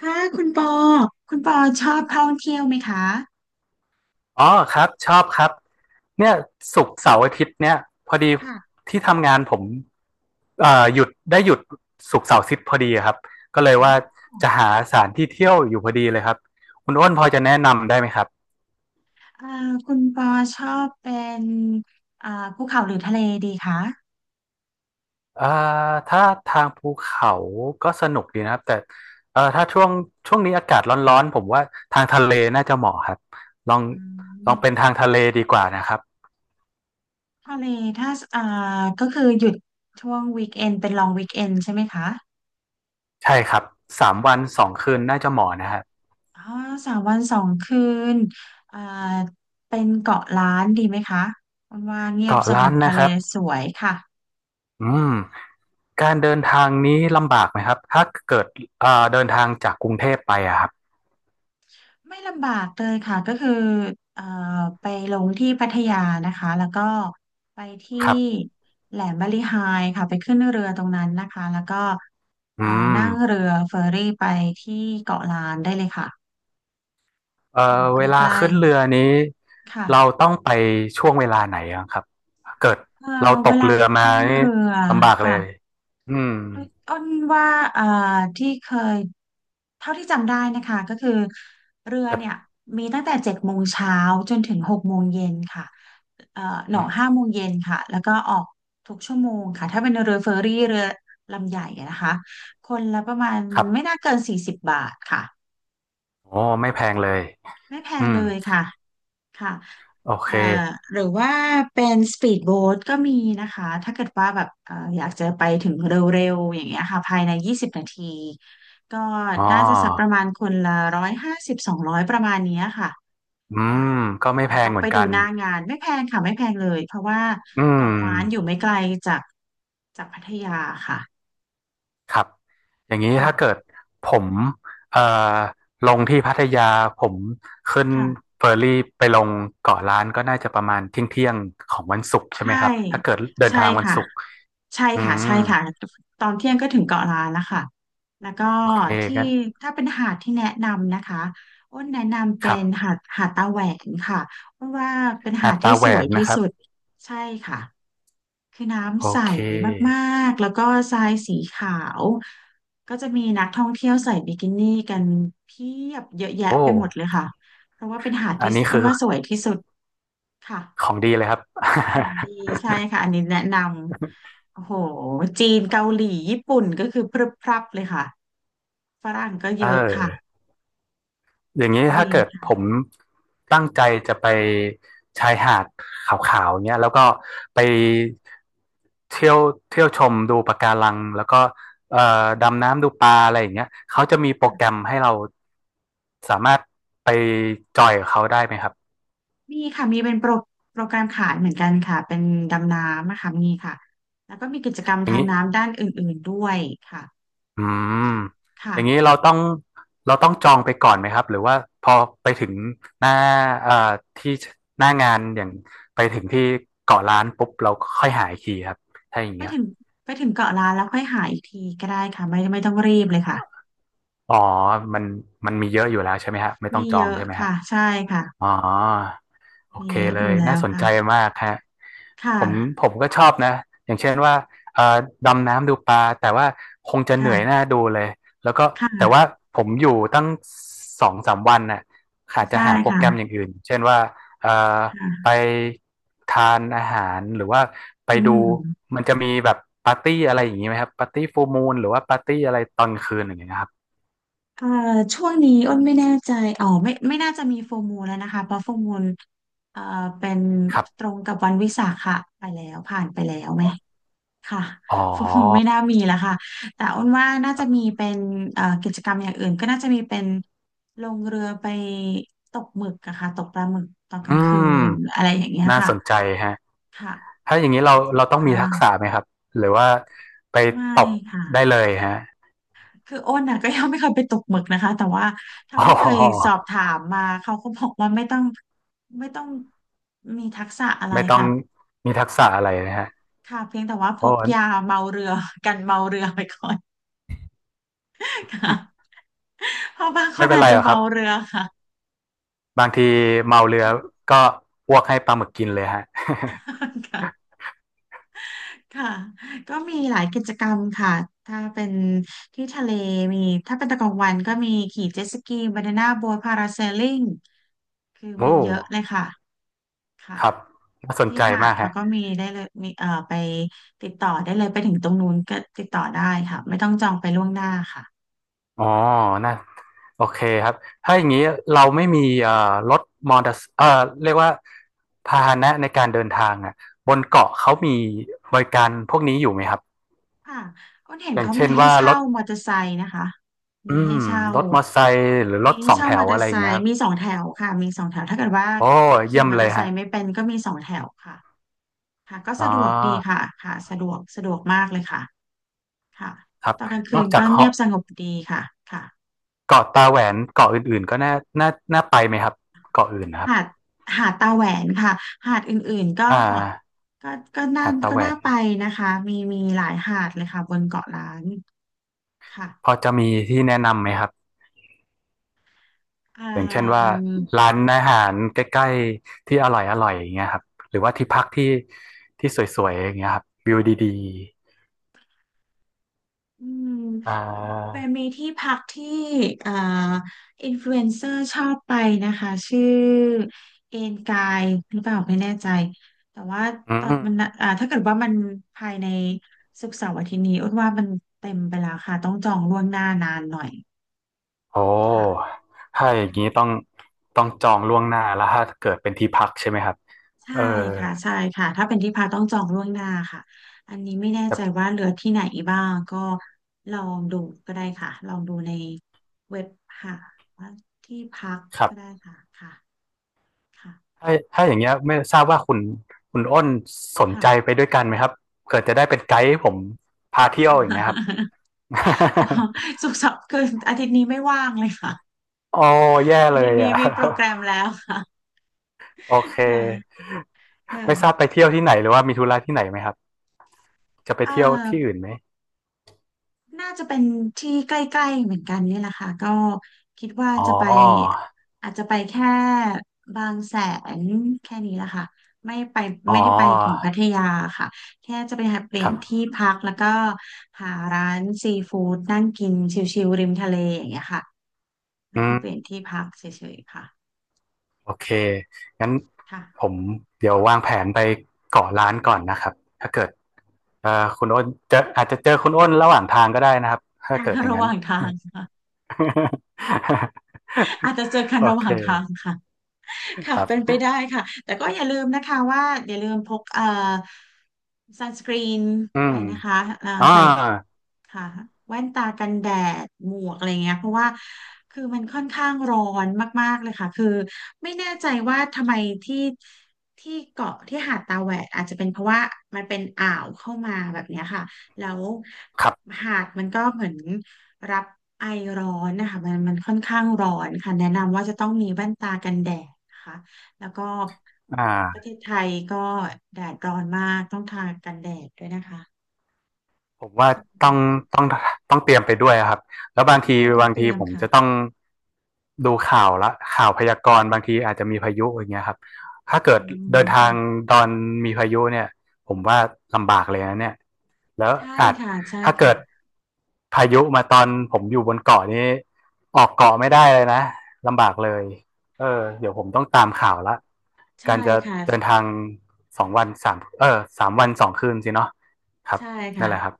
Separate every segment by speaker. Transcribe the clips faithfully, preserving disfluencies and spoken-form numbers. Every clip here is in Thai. Speaker 1: ค่ะคุณปอคุณปอชอบท่องเที่ยวไหมคะ
Speaker 2: อ๋อครับชอบครับเนี่ยศุกร์เสาร์อาทิตย์เนี่ยพอดี
Speaker 1: ค่ะ
Speaker 2: ที่ทำงานผมเอ่อหยุดได้หยุดศุกร์เสาร์อาทิตย์พอดีครับก็เลย
Speaker 1: อ๋
Speaker 2: ว่า
Speaker 1: อ
Speaker 2: จะหาสถานที่เที่ยวอยู่พอดีเลยครับคุณอ้นพอจะแนะนำได้ไหมครับ
Speaker 1: เอ่อคุณปอชอบเป็นอ่าภูเขาหรือทะเลดีคะ
Speaker 2: เอ่อถ้าทางภูเขาก็สนุกดีนะครับแต่เอ่อถ้าช่วงช่วงนี้อากาศร้อนๆผมว่าทางทะเลน่าจะเหมาะครับลอง
Speaker 1: อื
Speaker 2: ล
Speaker 1: ม
Speaker 2: องเป็นทางทะเลดีกว่านะครับ
Speaker 1: ทะเลถ้าอ่าก็คือหยุดช่วงวีคเอนเป็นลองวีคเอนใช่ไหมคะ
Speaker 2: ใช่ครับสามวันสองคืนน่าจะเหมาะนะครับ
Speaker 1: อ๋อสามวันสองคืนอ่าเป็นเกาะล้านดีไหมคะมันว่าเงียบ
Speaker 2: เกาะ
Speaker 1: สง
Speaker 2: ล้า
Speaker 1: บ
Speaker 2: น
Speaker 1: ทะ
Speaker 2: นะ
Speaker 1: เล
Speaker 2: ครับ
Speaker 1: สวยค่ะ
Speaker 2: อืม การเดินทางนี้ลำบากไหมครับถ้าเกิดเอ่อเดินทางจากกรุงเทพไปอะครับ
Speaker 1: ไม่ลำบากเลยค่ะก็คือเอ่อไปลงที่พัทยานะคะแล้วก็ไปที่
Speaker 2: ครับ
Speaker 1: แหลมบาลีไฮค่ะไปขึ้นเรือตรงนั้นนะคะแล้วก็เอ่อ
Speaker 2: อืม
Speaker 1: นั่งเรือเฟอร์รี่ไปที่เกาะล้านได้เลยค่ะ
Speaker 2: เอ่
Speaker 1: อ
Speaker 2: อ
Speaker 1: ยู่ใ
Speaker 2: เว
Speaker 1: ก
Speaker 2: ลา
Speaker 1: ล้
Speaker 2: ขึ้นเรือนี้
Speaker 1: ๆค่ะ
Speaker 2: เราต้องไปช่วงเวลาไหนอะครับเกิด
Speaker 1: เอ่อ
Speaker 2: เราต
Speaker 1: เว
Speaker 2: ก
Speaker 1: ลา
Speaker 2: เรือมา
Speaker 1: ขึ้น
Speaker 2: นี่
Speaker 1: เรือ
Speaker 2: ลำบากเล
Speaker 1: ค่ะ
Speaker 2: ยอืม
Speaker 1: อ้นว่าเอ่อที่เคยเท่าที่จำได้นะคะก็คือเรือเนี่ย
Speaker 2: แต่
Speaker 1: มีตั้งแต่เจ็ดโมงเช้าจนถึงหกโมงเย็นค่ะเอ่อหน
Speaker 2: อื
Speaker 1: อห้า
Speaker 2: ม
Speaker 1: โมงเย็นค่ะแล้วก็ออกทุกชั่วโมงค่ะถ้าเป็นเรือเฟอร์รี่เรือลำใหญ่อะนะคะคนละประมาณ
Speaker 2: ครับ
Speaker 1: ไม่น่าเกินสี่สิบบาทค่ะ
Speaker 2: โอ้ไม่แพงเลย
Speaker 1: ไม่แพ
Speaker 2: อื
Speaker 1: ง
Speaker 2: ม
Speaker 1: เลยค่ะ ค่ะ
Speaker 2: โอเค
Speaker 1: เอ่อหรือว่าเป็นสปีดโบ๊ทก็มีนะคะ ถ้าเกิดว่าแบบเอ่ออยากจะไปถึงเร็วๆอย่างเงี้ยค่ะภายในยี่สิบนาทีก็
Speaker 2: อ๋
Speaker 1: น่าจะสักป
Speaker 2: อ
Speaker 1: ระมาณคนละร้อยห้าสิบสองร้อยประมาณเนี้ยค่ะ
Speaker 2: อืม
Speaker 1: ค่ะ
Speaker 2: ก็ไม่
Speaker 1: แต่
Speaker 2: แพง
Speaker 1: ต้อง
Speaker 2: เหมือ
Speaker 1: ไป
Speaker 2: น
Speaker 1: ดู
Speaker 2: กัน
Speaker 1: หน้างานไม่แพงค่ะไม่แพงเลยเพราะว่า
Speaker 2: อืม
Speaker 1: เกาะล้านอยู่ไม่ไกลจากจากพัทยาค่ะ
Speaker 2: ครับอย่างนี้ถ้าเกิ
Speaker 1: ค่ะ
Speaker 2: ดผมเอ่อลงที่พัทยาผมขึ้น
Speaker 1: ค่ะ
Speaker 2: เฟอร์รี่ไปลงเกาะล้านก็น่าจะประมาณเที่ยงเที่ยงของวันศุกร์ใช่ไห
Speaker 1: ใช่
Speaker 2: มครับถ้าเกิดเดิน
Speaker 1: ใช่
Speaker 2: ทางวัน
Speaker 1: ค่ะ
Speaker 2: ศุกร์
Speaker 1: ใช่
Speaker 2: อื
Speaker 1: ค่ะใช่
Speaker 2: ม
Speaker 1: ค่ะ ตอนเที่ยงก็ถึงเกาะล้านแล้วค่ะแล้วก็
Speaker 2: โอเค
Speaker 1: ที่
Speaker 2: กัน
Speaker 1: ถ้าเป็นหาดที่แนะนำนะคะอ้นแนะนำ
Speaker 2: ค
Speaker 1: เป็
Speaker 2: รับ
Speaker 1: นหาดหาดตาแหวนค่ะเพราะว่าเป็นหา
Speaker 2: หาด
Speaker 1: ดที่
Speaker 2: ตาแห
Speaker 1: ส
Speaker 2: ว
Speaker 1: วย
Speaker 2: น
Speaker 1: ที่
Speaker 2: นะครับ
Speaker 1: สุดใช่ค่ะคือ
Speaker 2: โอ
Speaker 1: น้ำใส
Speaker 2: เค
Speaker 1: มากๆแล้วก็ทรายสีขาว ก็จะมีนักท่องเที่ยวใส่บิกินี่กันเพียบเยอะแยะ
Speaker 2: โอ้
Speaker 1: ไปหมดเลยค่ะ
Speaker 2: อันนี้คือ
Speaker 1: ค่ะ
Speaker 2: ของดีเลยครับ
Speaker 1: ของดีใช่ค่ะอันนี้แนะนำโอ้โหจีนเกาหลีญี่ปุ่นก็คือพรึบพรับเลยค่ะ ฝรั่งก็เย
Speaker 2: เ
Speaker 1: อะค่ะ
Speaker 2: ออ อย่างนี้ถ้า
Speaker 1: ดี
Speaker 2: เกิดผ
Speaker 1: ค่ะ
Speaker 2: มตั้งใจจะไปชายหาดขาวๆเนี้ยแล้วก็ไปเที่ยวเที่ยวชมดูปะการังแล้วก็เอ่อดำน้ำดูปลาอะไรอย่างเงี้ยเขาจะมีโปรแกรมให้เราสามารถไปจอยกับเขาได้ไหมครับ
Speaker 1: มีค่ะมีเป็นโปรโปรแกรมขายเหมือนกันค่ะเป็นดำน้ำนะค่ะมีค่ะแล้วก็มีกิจกรรม
Speaker 2: อย่าง
Speaker 1: ทาง
Speaker 2: นี้
Speaker 1: น้ำด้านอื่นๆด้วยค่ะ
Speaker 2: อืมอ
Speaker 1: ค่ะ
Speaker 2: ย่างนี้เราต้องเราต้องจองไปก่อนไหมครับหรือว่าพอไปถึงหน้าเอ่อที่หน้างานอย่างไปถึงที่เกาะล้านปุ๊บเราค่อยหาอีกทีครับถ้าอย่าง
Speaker 1: ไป
Speaker 2: เงี้ย
Speaker 1: ถึงไปถึงเกาะล้านแล้วค่อยหาอีกทีก็ได้ค่ะไม่ไม่ต้องรีบเลยค่ะ
Speaker 2: อ๋อมันมันมีเยอะอยู่แล้วใช่ไหมฮะ ไม่ต้อ
Speaker 1: มี
Speaker 2: งจอ
Speaker 1: เย
Speaker 2: ง
Speaker 1: อะ
Speaker 2: ใช่ไหมฮะ
Speaker 1: ค่ะใช่ค่ะ
Speaker 2: อ๋อโอ
Speaker 1: มี
Speaker 2: เค
Speaker 1: เยอะ
Speaker 2: เล
Speaker 1: อยู่
Speaker 2: ย
Speaker 1: แล้
Speaker 2: น่า
Speaker 1: ว
Speaker 2: สนใจ
Speaker 1: ค่ะ
Speaker 2: มากฮะ
Speaker 1: ค่ะ
Speaker 2: ผมผมก็ชอบนะ อย่างเช่นว่าเอ่อดำน้ำดูปลา แต่ว่าคงจะเหนื่อยหน้า
Speaker 1: ค่ะ
Speaker 2: ดูเลย แล้วก็ แต่ว่า
Speaker 1: ค่ะ
Speaker 2: ผมอยู่ตั้งสองสามวันน่ะอาจจะ
Speaker 1: ใช่
Speaker 2: หาโปร
Speaker 1: ค่ะ
Speaker 2: แกรมอย่างอื่น เช่นว่าเอ่อ
Speaker 1: ค่ะ
Speaker 2: ไปทานอาหาร หรือว่า ไป
Speaker 1: อื
Speaker 2: ดู
Speaker 1: ม
Speaker 2: มันจะมีแบบปาร์ตี้อะไรอย่างนี้ไหมครับปาร์ตี้ฟูลมูนหรือว่าปาร์ตี้อะไรตอนคืนอย่างเงี้ยครับ
Speaker 1: เอ่อช่วงนี้อ้นไม่แน่ใจอ๋อไม่ไม่น่าจะมีโฟมูลแล้วนะคะเพราะโฟมูลเอ่อเป็น
Speaker 2: ครั
Speaker 1: ตร
Speaker 2: บ
Speaker 1: งกับวันวิสาขะไปแล้วผ่านไปแล้วไหมค่ะ
Speaker 2: อ๋อ
Speaker 1: โฟมูลไม่น่ามีแล้วค่ะแต่อ้นว่าน่า
Speaker 2: ครั
Speaker 1: จะมี
Speaker 2: บ
Speaker 1: เป็นเอ่อกิจกรรมอย่างอื่นก็น่าจะมีเป็นลงเรือไปตกหมึกอะค่ะตกปลาหมึกตอนกลาง
Speaker 2: อื
Speaker 1: คื
Speaker 2: ม
Speaker 1: นอะไรอย่างเงี้ย
Speaker 2: น่า
Speaker 1: ค่ะ
Speaker 2: สนใจฮะ
Speaker 1: ค่ะ
Speaker 2: ถ้าอย่างนี้
Speaker 1: อา
Speaker 2: เรา
Speaker 1: จจะ
Speaker 2: เราต้อง
Speaker 1: บ้า
Speaker 2: มีทัก
Speaker 1: ง
Speaker 2: ษะไหมครับ หรือว่าไป
Speaker 1: ไม่
Speaker 2: ตก
Speaker 1: ค่ะ
Speaker 2: ได้เลยฮะ
Speaker 1: คืออ้นน่ะก็ยังไม่เคยไปตกหมึกนะคะแต่ว่า เท่า
Speaker 2: อ๋
Speaker 1: ที่เคยสอ
Speaker 2: อ
Speaker 1: บถามมาเขาก็บอกว่าไม่ต้องไม่ต้องมีทักษะอะไร
Speaker 2: ไม่ต้อง
Speaker 1: ค่ะ
Speaker 2: มีทักษะอะไรนะฮะ
Speaker 1: ค่ะเพียงแต่ว่าพ
Speaker 2: โอ้
Speaker 1: กยาเมาเรือกันเมาเรือไปก่อนค่ะเพราะบางค
Speaker 2: ไม่
Speaker 1: น
Speaker 2: เป็น
Speaker 1: อาจ
Speaker 2: ไร
Speaker 1: จะ
Speaker 2: หรอกค
Speaker 1: เมา
Speaker 2: รับ
Speaker 1: เรือค่ะ
Speaker 2: บางทีเมาเรือก็อ้วกให้ปลาหมึกกินเลยฮะ
Speaker 1: ค่ะค่ะก็มีหลายกิจกรรมค่ะถ้าเป็นที่ทะเลมีถ้าเป็นตะกลางวันก็มีขี่เจ็ตสกีบานาน่าโบ๊ทพาราเซลลิงคือ
Speaker 2: โอ้
Speaker 1: มีเยอะเลยค่ะค่ะ
Speaker 2: ครับน่าสน
Speaker 1: ที่
Speaker 2: ใจ
Speaker 1: หาด
Speaker 2: มาก
Speaker 1: เขา
Speaker 2: ฮะ
Speaker 1: ก็มีได้เลยมีเอ่อไปติดต่อได้เลยไปถึงตรงนู้นก็ติดต่อได้ค่ะไม่ต้องจองไปล่วงหน้าค่ะ
Speaker 2: อ๋อน่าโอเคครับ ถ้าอย่างนี้เราไม่มีเอ่อรถมอเตอร์เอ่อเรียกว่าพาหนะในการเดินทางอ่ะบนเกาะเขามีบริการพวกนี้อยู่ไหมครับ
Speaker 1: ค่ะอ้นเห็น
Speaker 2: อย่าง
Speaker 1: เขามี
Speaker 2: เช่น
Speaker 1: ให้
Speaker 2: ว่าร
Speaker 1: เช่า
Speaker 2: ถ
Speaker 1: มอเตอร์ไซค์นะคะ
Speaker 2: อื
Speaker 1: มีให้
Speaker 2: ม
Speaker 1: เช่า
Speaker 2: รถมอเตอร์ไซค์หรือร
Speaker 1: มี
Speaker 2: ถส
Speaker 1: ให้
Speaker 2: อง
Speaker 1: เช่า
Speaker 2: แถ
Speaker 1: มอ
Speaker 2: ว
Speaker 1: เตอ
Speaker 2: อะไร
Speaker 1: ร์
Speaker 2: อ
Speaker 1: ไซ
Speaker 2: ย่างเงี้ยค
Speaker 1: ค์
Speaker 2: รับ
Speaker 1: มีสองแถวค่ะมีสองแถวถ้าเกิดว่า
Speaker 2: โอ้เยี่
Speaker 1: ขี่
Speaker 2: ยม
Speaker 1: มอเต
Speaker 2: เล
Speaker 1: อ
Speaker 2: ย
Speaker 1: ร์ไซ
Speaker 2: ฮะ
Speaker 1: ค์ไม่เป็นก็มีสองแถวค่ะค่ะก็
Speaker 2: อ๋อ
Speaker 1: สะดวกดีค่ะค่ะสะดวกสะดวกมากเลยค่ะค่ะ
Speaker 2: ครับ
Speaker 1: ตอนกลาง
Speaker 2: น
Speaker 1: คื
Speaker 2: อ
Speaker 1: น
Speaker 2: กจา
Speaker 1: ก็
Speaker 2: ก
Speaker 1: เงีย
Speaker 2: เหาะ
Speaker 1: บสงบดีค่ะค่ะ
Speaker 2: เกาะตาแหวนเกาะอื่นๆก็น่าน่าน่าไปไหมครับเกาะอื่นนะครับ
Speaker 1: หาดหาดตาแหวนค่ะหาดอื่นๆก็
Speaker 2: อ่า
Speaker 1: ก็ก็น่า
Speaker 2: หาดตา
Speaker 1: ก็
Speaker 2: แหว
Speaker 1: น่า
Speaker 2: น
Speaker 1: ไปนะคะมีมีหลายหาดเลยค่ะบนเกาะล้านค่ะ
Speaker 2: พอจะมีที่แนะนำไหมครับ
Speaker 1: เอ่
Speaker 2: อย่างเช่นว่า
Speaker 1: ม
Speaker 2: ร้านอาหารใกล้ๆที่อร่อยอร่อยอย่างเงี้ยครับหรือว่าที่พักที่ที่สวยๆอย่างเงี้ยครับวิวดี
Speaker 1: อืม
Speaker 2: ๆอ่
Speaker 1: เป็น
Speaker 2: า
Speaker 1: มีที่พักที่เอ่ออินฟลูเอนเซอร์ชอบไปนะคะชื่อเอนกายหรือเปล่าไม่แน่ใจแต่ว่า
Speaker 2: อื
Speaker 1: ตอน
Speaker 2: ม
Speaker 1: มันอ่าถ้าเกิดว่ามันภายในศุกร์เสาร์อาทิตย์นี้อ้นว่ามันเต็มไปแล้วค่ะต้องจองล่วงหน้านานหน่อย
Speaker 2: โอ้
Speaker 1: ค่ะ
Speaker 2: ถ้าอย่างนี้ต้องต้องจองล่วงหน้าแล้วถ้าเกิดเป็นที่พักใช่ไหมครับ
Speaker 1: ใช่
Speaker 2: เออ
Speaker 1: ค่ะใช่ค่ะถ้าเป็นที่พักต้องจองล่วงหน้าค่ะอันนี้ไม่แน่
Speaker 2: ครั
Speaker 1: ใจ
Speaker 2: บ
Speaker 1: ว่าเหลือที่ไหนบ้างก็ลองดูก็ได้ค่ะลองดูในเว็บหาว่าที่พัก
Speaker 2: ครั
Speaker 1: ก็ได้
Speaker 2: บ
Speaker 1: ค่ะค่ะค่ะ
Speaker 2: ถ้าถ้าอย่างเงี้ยไม่ทราบว่าคุณคุณอ้นสน
Speaker 1: ค่ะ
Speaker 2: ใจไปด้วยกันไหมครับเกิดจะได้เป็นไกด์ให้ผมพาเที่ยวอย่างเงี้ยครับ
Speaker 1: โอ้ สุกร์เสาร์คืออาทิตย์นี้ไม่ว่างเลยค่ะ
Speaker 2: โอ้แย่
Speaker 1: อา
Speaker 2: เล
Speaker 1: ทิต
Speaker 2: ย
Speaker 1: ย์นี้
Speaker 2: อ่ะ
Speaker 1: มีโปรแกรมแล้วค่ะ
Speaker 2: โอเค
Speaker 1: ค่ะค่ะ
Speaker 2: ไม่ทราบไปเที่ยวที่ไหนหรือว่ามีธุระที่ไหนไหมครับจะไป
Speaker 1: เอ่อ
Speaker 2: เที่ยวที่อื่นไหม
Speaker 1: น่าจะเป็นที่ใกล้ๆเหมือนกันนี่แหละค่ะก็คิดว่า
Speaker 2: อ๋
Speaker 1: จะไป
Speaker 2: อ
Speaker 1: อาจจะไปแค่บางแสนแค่นี้แหละค่ะไม่ไป
Speaker 2: อ๋อ
Speaker 1: ไม่ได้ไปถึงพัทยาค่ะแค่จะไปหาเปลี่
Speaker 2: ค
Speaker 1: ยน
Speaker 2: รับ
Speaker 1: ที่พักแล้วก็หาร้านซีฟู้ดนั่งกินชิลๆริมทะเลอย่างเงี้ยค่ะ
Speaker 2: อื
Speaker 1: นั่นคือเปลี่ยน
Speaker 2: ม
Speaker 1: ที่พักเฉยๆค่ะ
Speaker 2: โอเคงั้น
Speaker 1: ค่ะ
Speaker 2: ผมเดี๋ยววางแผนไปเกาะล้านก่อนนะครับถ้าเกิดเอ่อคุณอ้นเจออาจจะเจอคุณอ้นระหว่างทางก็ได้นะครับถ้าเกิดอ ย่าง
Speaker 1: ระห
Speaker 2: นั้น
Speaker 1: ว่างทางค่ะอาจ จะเจอกัน
Speaker 2: โอ
Speaker 1: ระห
Speaker 2: เ
Speaker 1: ว่างทาง
Speaker 2: ค
Speaker 1: ค่ะ ค่ะ
Speaker 2: ครั
Speaker 1: เป็นไป
Speaker 2: บ
Speaker 1: ได้ค่ะ แต่ก็อย่าลืมนะคะว่าอย่าลืมพกเอ่อซันสกรีน
Speaker 2: อื
Speaker 1: ไป
Speaker 2: ม
Speaker 1: นะคะเอ่อ
Speaker 2: อ่า
Speaker 1: ใส่ ค่ะแว่นตากันแดดหมวกอะไรเงี้ยเพราะว่าคือมันค่อนข้างร้อนมากๆเลยค่ะคือไม่แน่ใจว่าทำไมที่ที่เกาะที่หาดตาแหวดอาจจะเป็นเพราะว่ามันเป็นอ่าวเข้ามาแบบเนี้ยค่ะแล้ว
Speaker 2: ครับ
Speaker 1: หาดมันก็เหมือนรับไอร้อนนะคะมันมันค่อนข้างร้อนค่ะแนะนำว่าจะต้องมีแว่นตากันแดดนะคะแล้วก็
Speaker 2: อ
Speaker 1: ประ
Speaker 2: ่า
Speaker 1: เทศไทยก็แดดร้อนมากต้องทากันแดดด้วยนะคะ
Speaker 2: ผมว่าต้องต้องต้องเตรียมไปด้วยอะครับแล้วบางที
Speaker 1: ใช่ต้อง
Speaker 2: บาง
Speaker 1: เตรี
Speaker 2: ที
Speaker 1: ยม
Speaker 2: ผม
Speaker 1: ค่ะ
Speaker 2: จะต้องดูข่าวละข่าวพยากรณ์บางทีอาจจะมีพายุอย่างเงี้ยครับถ้าเกิ
Speaker 1: อื
Speaker 2: ดเดิ
Speaker 1: ม
Speaker 2: นทาง
Speaker 1: ค่ะ
Speaker 2: ตอนมีพายุเนี่ยผมว่าลำบากเลยนะเนี่ยแล้ว
Speaker 1: ใช่
Speaker 2: อาจ
Speaker 1: ค่ะใช่
Speaker 2: ถ้าเกิ
Speaker 1: ค่ะ
Speaker 2: ดพายุมาตอนผมอยู่บนเกาะนี้ออกเกาะไม่ได้เลยนะลำบากเลยเออเดี๋ยวผมต้องตามข่าวละ
Speaker 1: ใช่
Speaker 2: การจะ
Speaker 1: ค่ะ
Speaker 2: เดินทางสองวันสามเออสามวันสองคืนสิเนาะครับ
Speaker 1: ใช่
Speaker 2: นั่น
Speaker 1: ค่ะ
Speaker 2: แหละครับ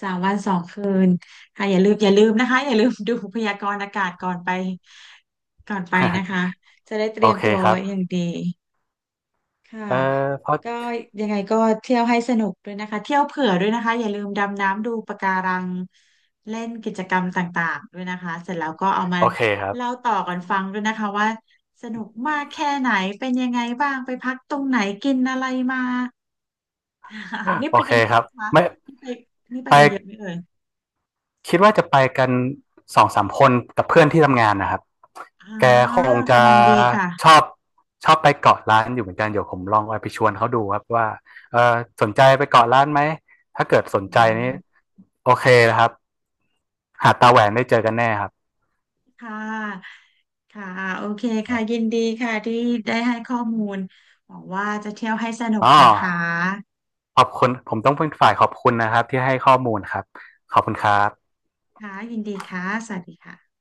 Speaker 1: สามวันสองคืนค่ะอย่าลืมอย่าลืมนะคะอย่าลืมดูพยากรณ์อากาศก่อนไปก่อนไปนะคะ จะได้เต
Speaker 2: โอ
Speaker 1: รียม
Speaker 2: เค
Speaker 1: ตัว
Speaker 2: ครับ
Speaker 1: อย่างดี ค่ะ
Speaker 2: เออเพราะ
Speaker 1: ก็ยังไงก็เที่ยวให้สนุกด้วยนะคะเที่ยวเผื่อด้วยนะคะอย่าลืมดำน้ำดูปะการังเล่นกิจกรรมต่างๆด้วยนะคะเสร็จแล้วก็เอามา
Speaker 2: โอเคครั
Speaker 1: เล่า
Speaker 2: บ
Speaker 1: ต่อกันฟังด้วยนะคะว่าสนุกมากแค่ไหนเป็นยังไงบ้างไปพักตรงไหนกินอะไรมา ค่ะนี่
Speaker 2: โอ
Speaker 1: ไป
Speaker 2: เค
Speaker 1: กันเย
Speaker 2: ค
Speaker 1: อะ
Speaker 2: รับ
Speaker 1: ไหมคะ
Speaker 2: ไม่
Speaker 1: นี่ไปนี่ไป
Speaker 2: ไป
Speaker 1: กันเยอะไหมเอ่ย
Speaker 2: คิดว่าจะไปกันสองสามคนกับเพื่อนที่ทำงานนะครับ
Speaker 1: อ๋อ
Speaker 2: แกคงจะ
Speaker 1: กำลังดีค่ะ
Speaker 2: ชอบชอบไปเกาะร้านอยู่เหมือนกัน เดี๋ยวผมลองไปชวนเขาดูครับว่าเออสนใจไปเกาะร้านไหม ถ้าเกิดสน
Speaker 1: อื
Speaker 2: ใจนี่
Speaker 1: ม
Speaker 2: โอเคนะครับหาดตาแหวนได้เจอกันแน่ครับ
Speaker 1: ค่ะ ค่ะ โอเคค่ะ ยินดีค่ะ ที่ได้ให้ข้อมูลหวังว่าจะเที่ยวให้สนุก
Speaker 2: อ๋อ
Speaker 1: นะคะ
Speaker 2: ขอบคุณผมต้องเป็นฝ่ายขอบคุณนะครับที่ให้ข้อมูลครับขอบคุณครับ
Speaker 1: ค่ะ ยินดีค่ะ สวัสดีค่ะ